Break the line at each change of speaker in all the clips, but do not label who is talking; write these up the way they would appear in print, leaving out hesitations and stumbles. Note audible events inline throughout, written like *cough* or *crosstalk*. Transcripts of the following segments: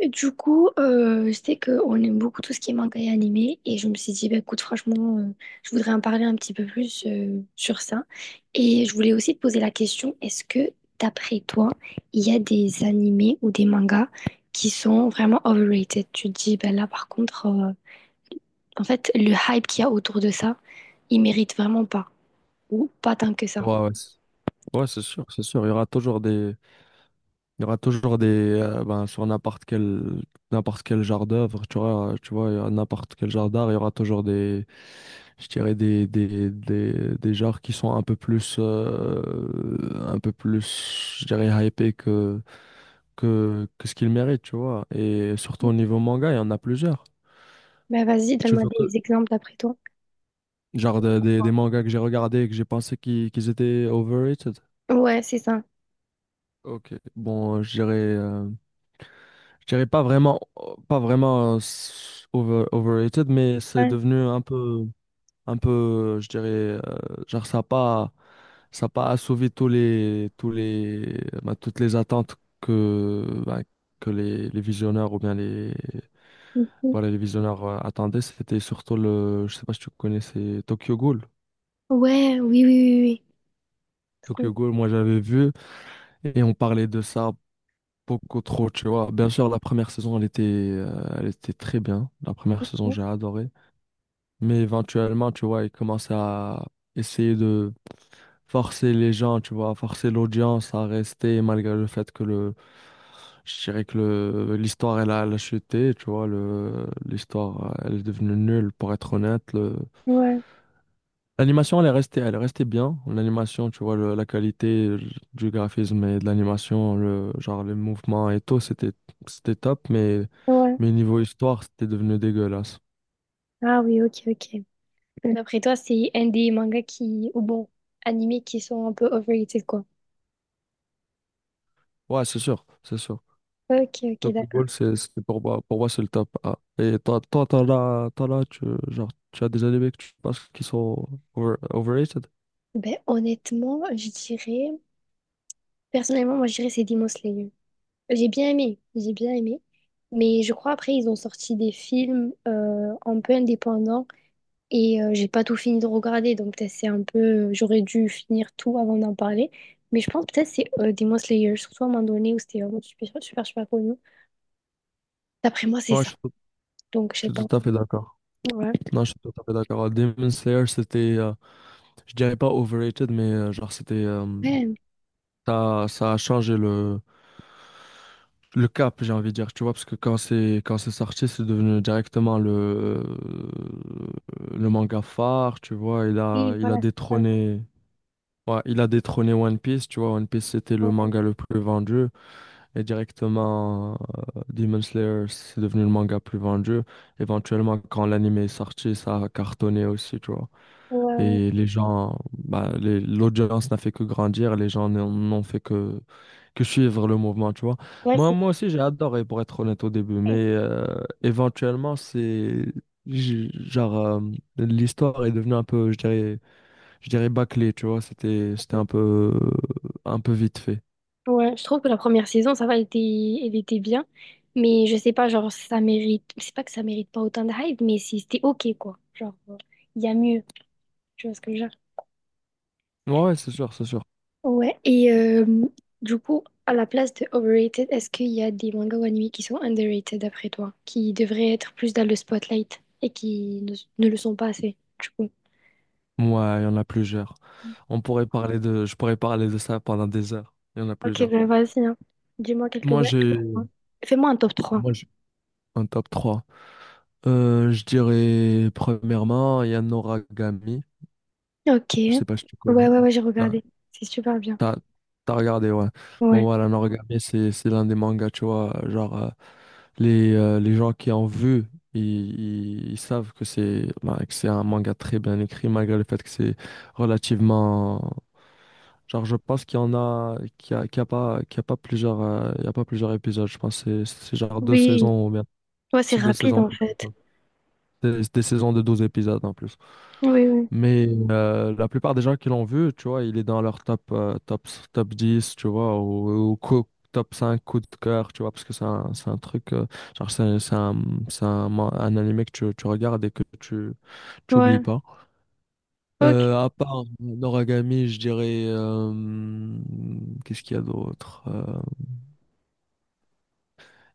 Et du coup, je sais qu'on aime beaucoup tout ce qui est manga et animé, et je me suis dit, bah, écoute, franchement, je voudrais en parler un petit peu plus sur ça. Et je voulais aussi te poser la question, est-ce que, d'après toi, il y a des animés ou des mangas qui sont vraiment overrated? Tu te dis, bah, là, par contre, en fait, le hype qu'il y a autour de ça, il mérite vraiment pas, ou pas tant que ça.
Ouais, ouais, c'est sûr, c'est sûr. Il y aura toujours des, il y aura toujours des, ben, sur n'importe quel genre d'œuvre, tu vois, il y a n'importe quel genre d'art, il y aura toujours je dirais des genres qui sont un peu plus, je dirais, hypés que ce qu'ils méritent, tu vois. Et surtout au niveau manga, il y en a plusieurs.
Bah vas-y,
Tu
donne-moi
veux que,
des exemples d'après toi.
genre, de- des mangas que j'ai regardés et que j'ai pensé qu'ils étaient overrated.
Ouais, c'est ça.
Ok, bon, je dirais pas vraiment, oh, pas vraiment overrated, mais c'est
Ouais.
devenu un peu, je dirais, genre ça a pas assouvi toutes les attentes que, bah, que les visionneurs ou bien
Mhm.
les visionneurs attendaient. C'était surtout je sais pas si tu connais, c'est Tokyo Ghoul.
Ouais, oui, oui, oui, oui. Trop
Tokyo Ghoul, moi j'avais vu et on parlait de ça beaucoup trop, tu vois. Bien sûr, la première saison, elle était très bien. La première saison,
cool.
j'ai adoré. Mais éventuellement, tu vois, ils commencent à essayer de forcer les gens, tu vois, forcer l'audience à rester malgré le fait que je dirais que l'histoire, elle a chuté, tu vois, l'histoire, elle est devenue nulle, pour être honnête.
Ouais,
L'animation, elle est restée bien. L'animation, tu vois, la qualité du graphisme et de l'animation, genre les mouvements et tout, c'était top,
ouais.
mais niveau histoire, c'était devenu dégueulasse.
Ah oui, ok, ok. D'après toi, c'est un des mangas qui, ou bon, animés qui sont un peu overrated, quoi.
Ouais, c'est sûr, c'est sûr.
Ok, ok,
Donc le
d'accord.
goal, c'est pour moi c'est le top A. Et toi, toi, t'en as, tu, genre, tu as des animés que tu penses qui sont overrated?
Ben honnêtement, je dirais. Personnellement, moi, je dirais c'est Demon Slayer. J'ai bien aimé, j'ai bien aimé. Mais je crois après, ils ont sorti des films un peu indépendants et j'ai pas tout fini de regarder. Donc peut-être c'est un peu, j'aurais dû finir tout avant d'en parler. Mais je pense peut-être c'est Demon Slayer, surtout à un moment donné où c'était vraiment super, super, super connu. D'après moi, c'est
Ouais, je
ça.
suis tout,
Donc je sais
je
pas.
suis tout à fait d'accord.
Ouais.
Non, je suis tout à fait d'accord. Demon Slayer, c'était, je dirais pas overrated, mais euh, genre, c'était, euh,
Ouais,
Ça, ça a changé le cap, j'ai envie de dire, tu vois, parce que quand c'est sorti, c'est devenu directement le manga phare, tu vois,
oui,
il a
voilà, c'est ça.
détrôné, ouais, il a détrôné One Piece, tu vois, One Piece c'était le
Ouais,
manga le plus vendu, et directement Demon Slayer, c'est devenu le manga le plus vendu. Éventuellement, quand l'anime est sorti, ça a cartonné aussi, tu vois.
ouais,
Et les gens, bah, l'audience n'a fait que grandir, les gens n'ont fait que suivre le mouvement, tu vois.
ouais,
Moi,
c'est...
moi aussi, j'ai adoré, pour être honnête au début, mais euh, éventuellement, j- genre, euh, l'histoire est devenue un peu, je dirais bâclée, tu vois. C'était un peu vite fait.
Ouais, je trouve que la première saison, ça va, elle était bien. Mais je sais pas, genre, ça mérite. C'est pas que ça mérite pas autant de hype, mais c'était ok, quoi. Genre, il y a mieux. Tu vois ce que je veux dire?
Ouais, ouais, c'est sûr, c'est sûr.
Ouais, et du coup, à la place de overrated, est-ce qu'il y a des mangas ou animés qui sont underrated d'après toi, qui devraient être plus dans le spotlight et qui ne le sont pas assez, du coup?
Ouais, il y en a plusieurs. On pourrait parler de, je pourrais parler de ça pendant des heures. Il y en a
Ok,
plusieurs.
ben vas-y, hein. Dis-moi
Moi, j'ai,
quelques-uns. Fais-moi un top trois.
moi, j'ai un top 3. Je dirais premièrement Yanoragami.
Ok.
Je
Ouais,
sais pas si tu connais.
ouais, ouais, j'ai
Ah,
regardé. C'est super bien.
t'as, t'as regardé, ouais. Bon,
Ouais.
voilà, Yanoragami, c'est l'un des mangas, tu vois. Genre, les gens qui en vu, ils savent que c'est bah, que c'est un manga très bien écrit, malgré le fait que c'est relativement. Genre, je pense qu'il y en a, qu'il y a, qu'il y a pas, qu'il y a pas plusieurs, il y a pas plusieurs épisodes. Je pense que c'est genre deux
Oui,
saisons ou bien.
ouais, c'est
C'est deux
rapide
saisons.
en fait.
C'est des saisons de 12 épisodes en plus.
Oui, oui.
Mais la plupart des gens qui l'ont vu, tu vois, il est dans leur top 10 tu vois, ou, top 5 coup de cœur, tu vois, parce que c'est un truc, genre, c'est un, c'est un, c'est un, man- un animé que tu regardes et que tu oublies
Ouais.
pas.
Ok.
À part Noragami, je dirais, qu'est-ce qu'il y a d'autre?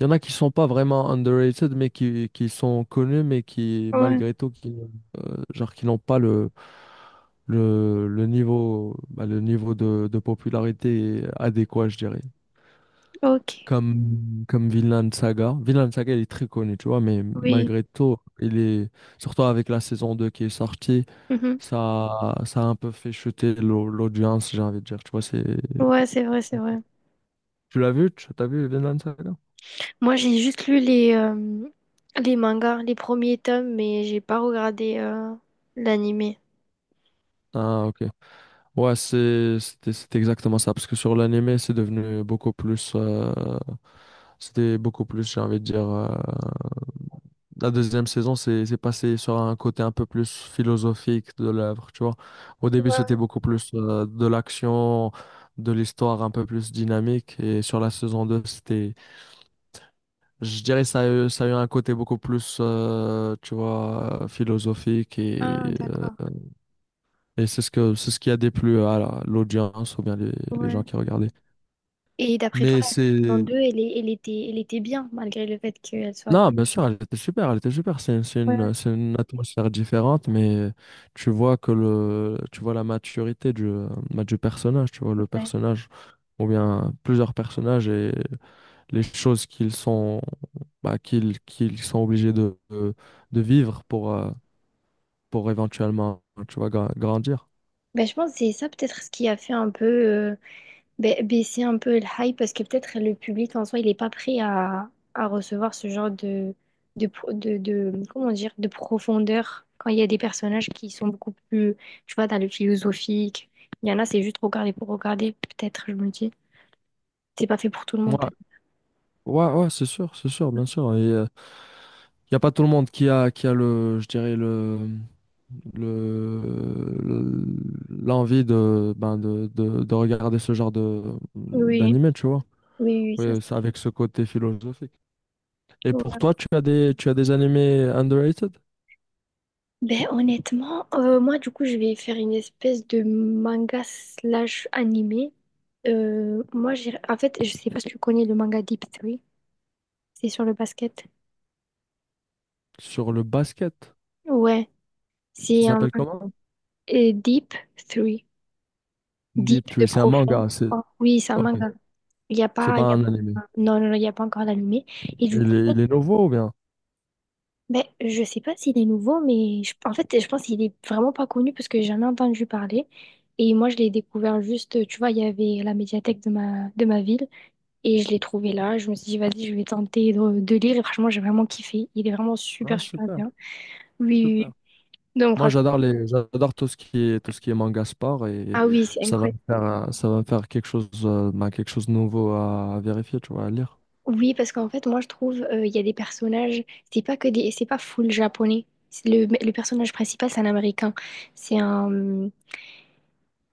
Il y en a qui sont pas vraiment underrated, mais qui sont connus, mais qui,
Ouais.
malgré tout, genre, qui n'ont pas le niveau, bah, le niveau de popularité adéquat, je dirais.
Ok.
Comme Vinland Saga. Vinland Saga, il est très connu, tu vois, mais
Oui.
malgré tout, surtout avec la saison 2 qui est sortie,
Mhm.
ça a un peu fait chuter l'audience, j'ai envie de dire. Tu vois, c'est,
Ouais, c'est vrai, c'est vrai.
tu l'as vu? Tu as vu Vinland Saga?
Moi, j'ai juste lu les mangas, les premiers tomes, mais j'ai pas regardé l'animé.
Ah, ok. Ouais, c'était exactement ça parce que sur l'anime, c'est devenu beaucoup plus c'était beaucoup plus, j'ai envie de dire la deuxième saison, c'est passé sur un côté un peu plus philosophique de l'œuvre, tu vois. Au début, c'était
Ouais.
beaucoup plus de l'action, de l'histoire un peu plus dynamique et sur la saison 2, c'était je dirais ça a eu un côté beaucoup plus tu vois, philosophique
Ah, d'accord.
euh, et c'est ce qui a déplu à l'audience ou bien les gens
Ouais.
qui regardaient.
Et d'après toi,
Mais
la saison
c'est...
2, elle, elle était bien, malgré le fait qu'elle soit.
Non, bien sûr, elle était super, elle était super.
Ouais, ouais.
C'est une atmosphère différente, mais tu vois que tu vois la maturité du personnage, tu vois le
Ouais.
personnage, ou bien plusieurs personnages et les choses qu'ils sont obligés de vivre pour éventuellement, tu vois, grandir.
Ben, je pense que c'est ça peut-être ce qui a fait un peu, baisser un peu le hype parce que peut-être le public en soi, il n'est pas prêt à recevoir ce genre de comment dire, de profondeur quand il y a des personnages qui sont beaucoup plus, tu vois, dans le philosophique. Il y en a, c'est juste regarder pour regarder, peut-être, je me dis. C'est pas fait pour tout le
Ouais,
monde, peut-être.
ouais, c'est sûr, bien sûr. Et, il n'y a pas tout le monde qui a le, je dirais, le, le- l'envie de regarder ce genre
Oui,
d'animé, tu vois.
oui, oui, ça c'est
Oui, ça avec ce côté philosophique. Et pour
sûr.
toi, tu as des animés underrated
Ben honnêtement, moi du coup je vais faire une espèce de manga slash animé. Moi j'ai en fait je sais pas si tu connais le manga Deep Three, c'est sur le basket.
sur le basket.
Ouais,
Ça
c'est un
s'appelle comment?
Deep Three. Deep
Deep
de
Tree. C'est un
profond.
manga. C'est,
Oh, oui, c'est un
ok.
manga. Il n'y a
C'est
pas,
pas
il y a
un animé.
pas, non, non, non, il n'y a pas encore d'animé. Et du coup, en fait,
Il est nouveau ou bien?
ben, je sais pas s'il est nouveau, mais en fait, je pense qu'il est vraiment pas connu parce que j'ai jamais entendu parler. Et moi, je l'ai découvert juste, tu vois, il y avait la médiathèque de ma ville et je l'ai trouvé là. Je me suis dit, vas-y, je vais tenter de lire. Et franchement, j'ai vraiment kiffé. Il est vraiment
Ah,
super, super
super.
bien. Oui, oui.
Super.
Oui. Donc,
Moi,
franchement,
j'adore tout ce qui est, tout ce qui est manga sport et
ah oui, c'est incroyable.
ça va me faire quelque chose, quelque chose de nouveau à vérifier, tu vois, à lire.
Oui, parce qu'en fait, moi, je trouve, il y a des personnages, c'est pas que des, c'est pas full japonais. C'est le personnage principal, c'est un Américain. C'est un,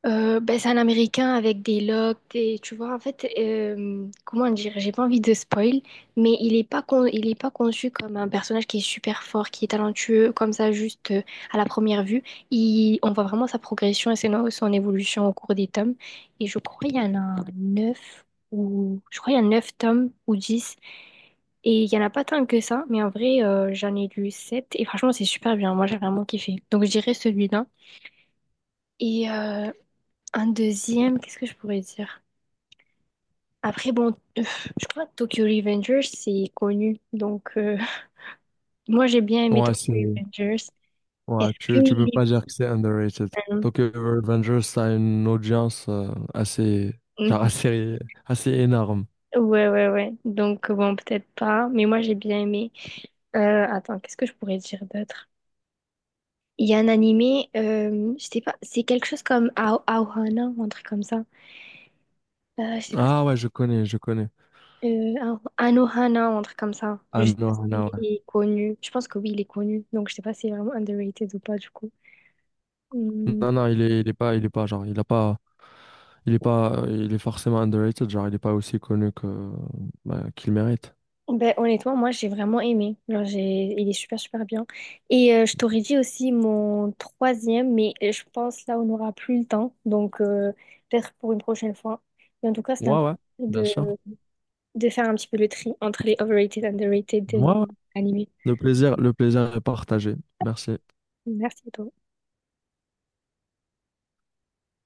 c'est un Américain avec des locks, et tu vois, en fait, comment dire, j'ai pas envie de spoil, mais il est pas conçu comme un personnage qui est super fort, qui est talentueux, comme ça, juste à la première vue. On voit vraiment sa progression et son évolution au cours des tomes. Et je crois qu'il y en a 9 ou je crois qu'il y a 9 tomes ou dix. Et il y en a pas tant que ça, mais en vrai, j'en ai lu 7 et franchement, c'est super bien. Moi, j'ai vraiment kiffé. Donc, je dirais celui-là. Et un deuxième, qu'est-ce que je pourrais dire? Après, bon, je crois que Tokyo Revengers, c'est connu. Donc, *laughs* moi, j'ai bien aimé
Ouais, c'est,
Tokyo Revengers.
ouais,
Est-ce
tu
qu'il
peux
est
pas dire que c'est underrated.
bien?
Tokyo Revengers, ça a une audience, assez, genre, *laughs*
Mhm.
assez, assez énorme.
Ouais, ouais, ouais. Donc, bon, peut-être pas, mais moi, j'ai bien aimé. Attends, qu'est-ce que je pourrais dire d'autre? Il y a un animé, je sais pas, c'est quelque chose comme Aohana ou un truc comme ça. Je sais pas,
Ah ouais, je connais, je connais.
Anohana ou un truc comme ça. Je
Ah
sais pas
non,
s'il
non, ouais.
est connu. Je pense que oui, il est connu. Donc, je sais pas si c'est vraiment underrated ou pas, du coup. Hmm.
Non, non, il est pas, genre, il a pas, il est pas, il est forcément underrated, genre, il est pas aussi connu que, bah, qu'il mérite.
Ben, honnêtement, moi j'ai vraiment aimé. Genre, j'ai. Il est super super bien. Et je t'aurais dit aussi mon troisième, mais je pense là on n'aura plus le temps. Donc peut-être pour une prochaine fois. Mais en tout cas, c'était un
Ouais, ouais, bien
plaisir
sûr.
de... de faire un petit peu le tri entre les overrated and underrated de
Ouais, ouais.
animés.
Le plaisir est partagé. Merci.
Merci à toi.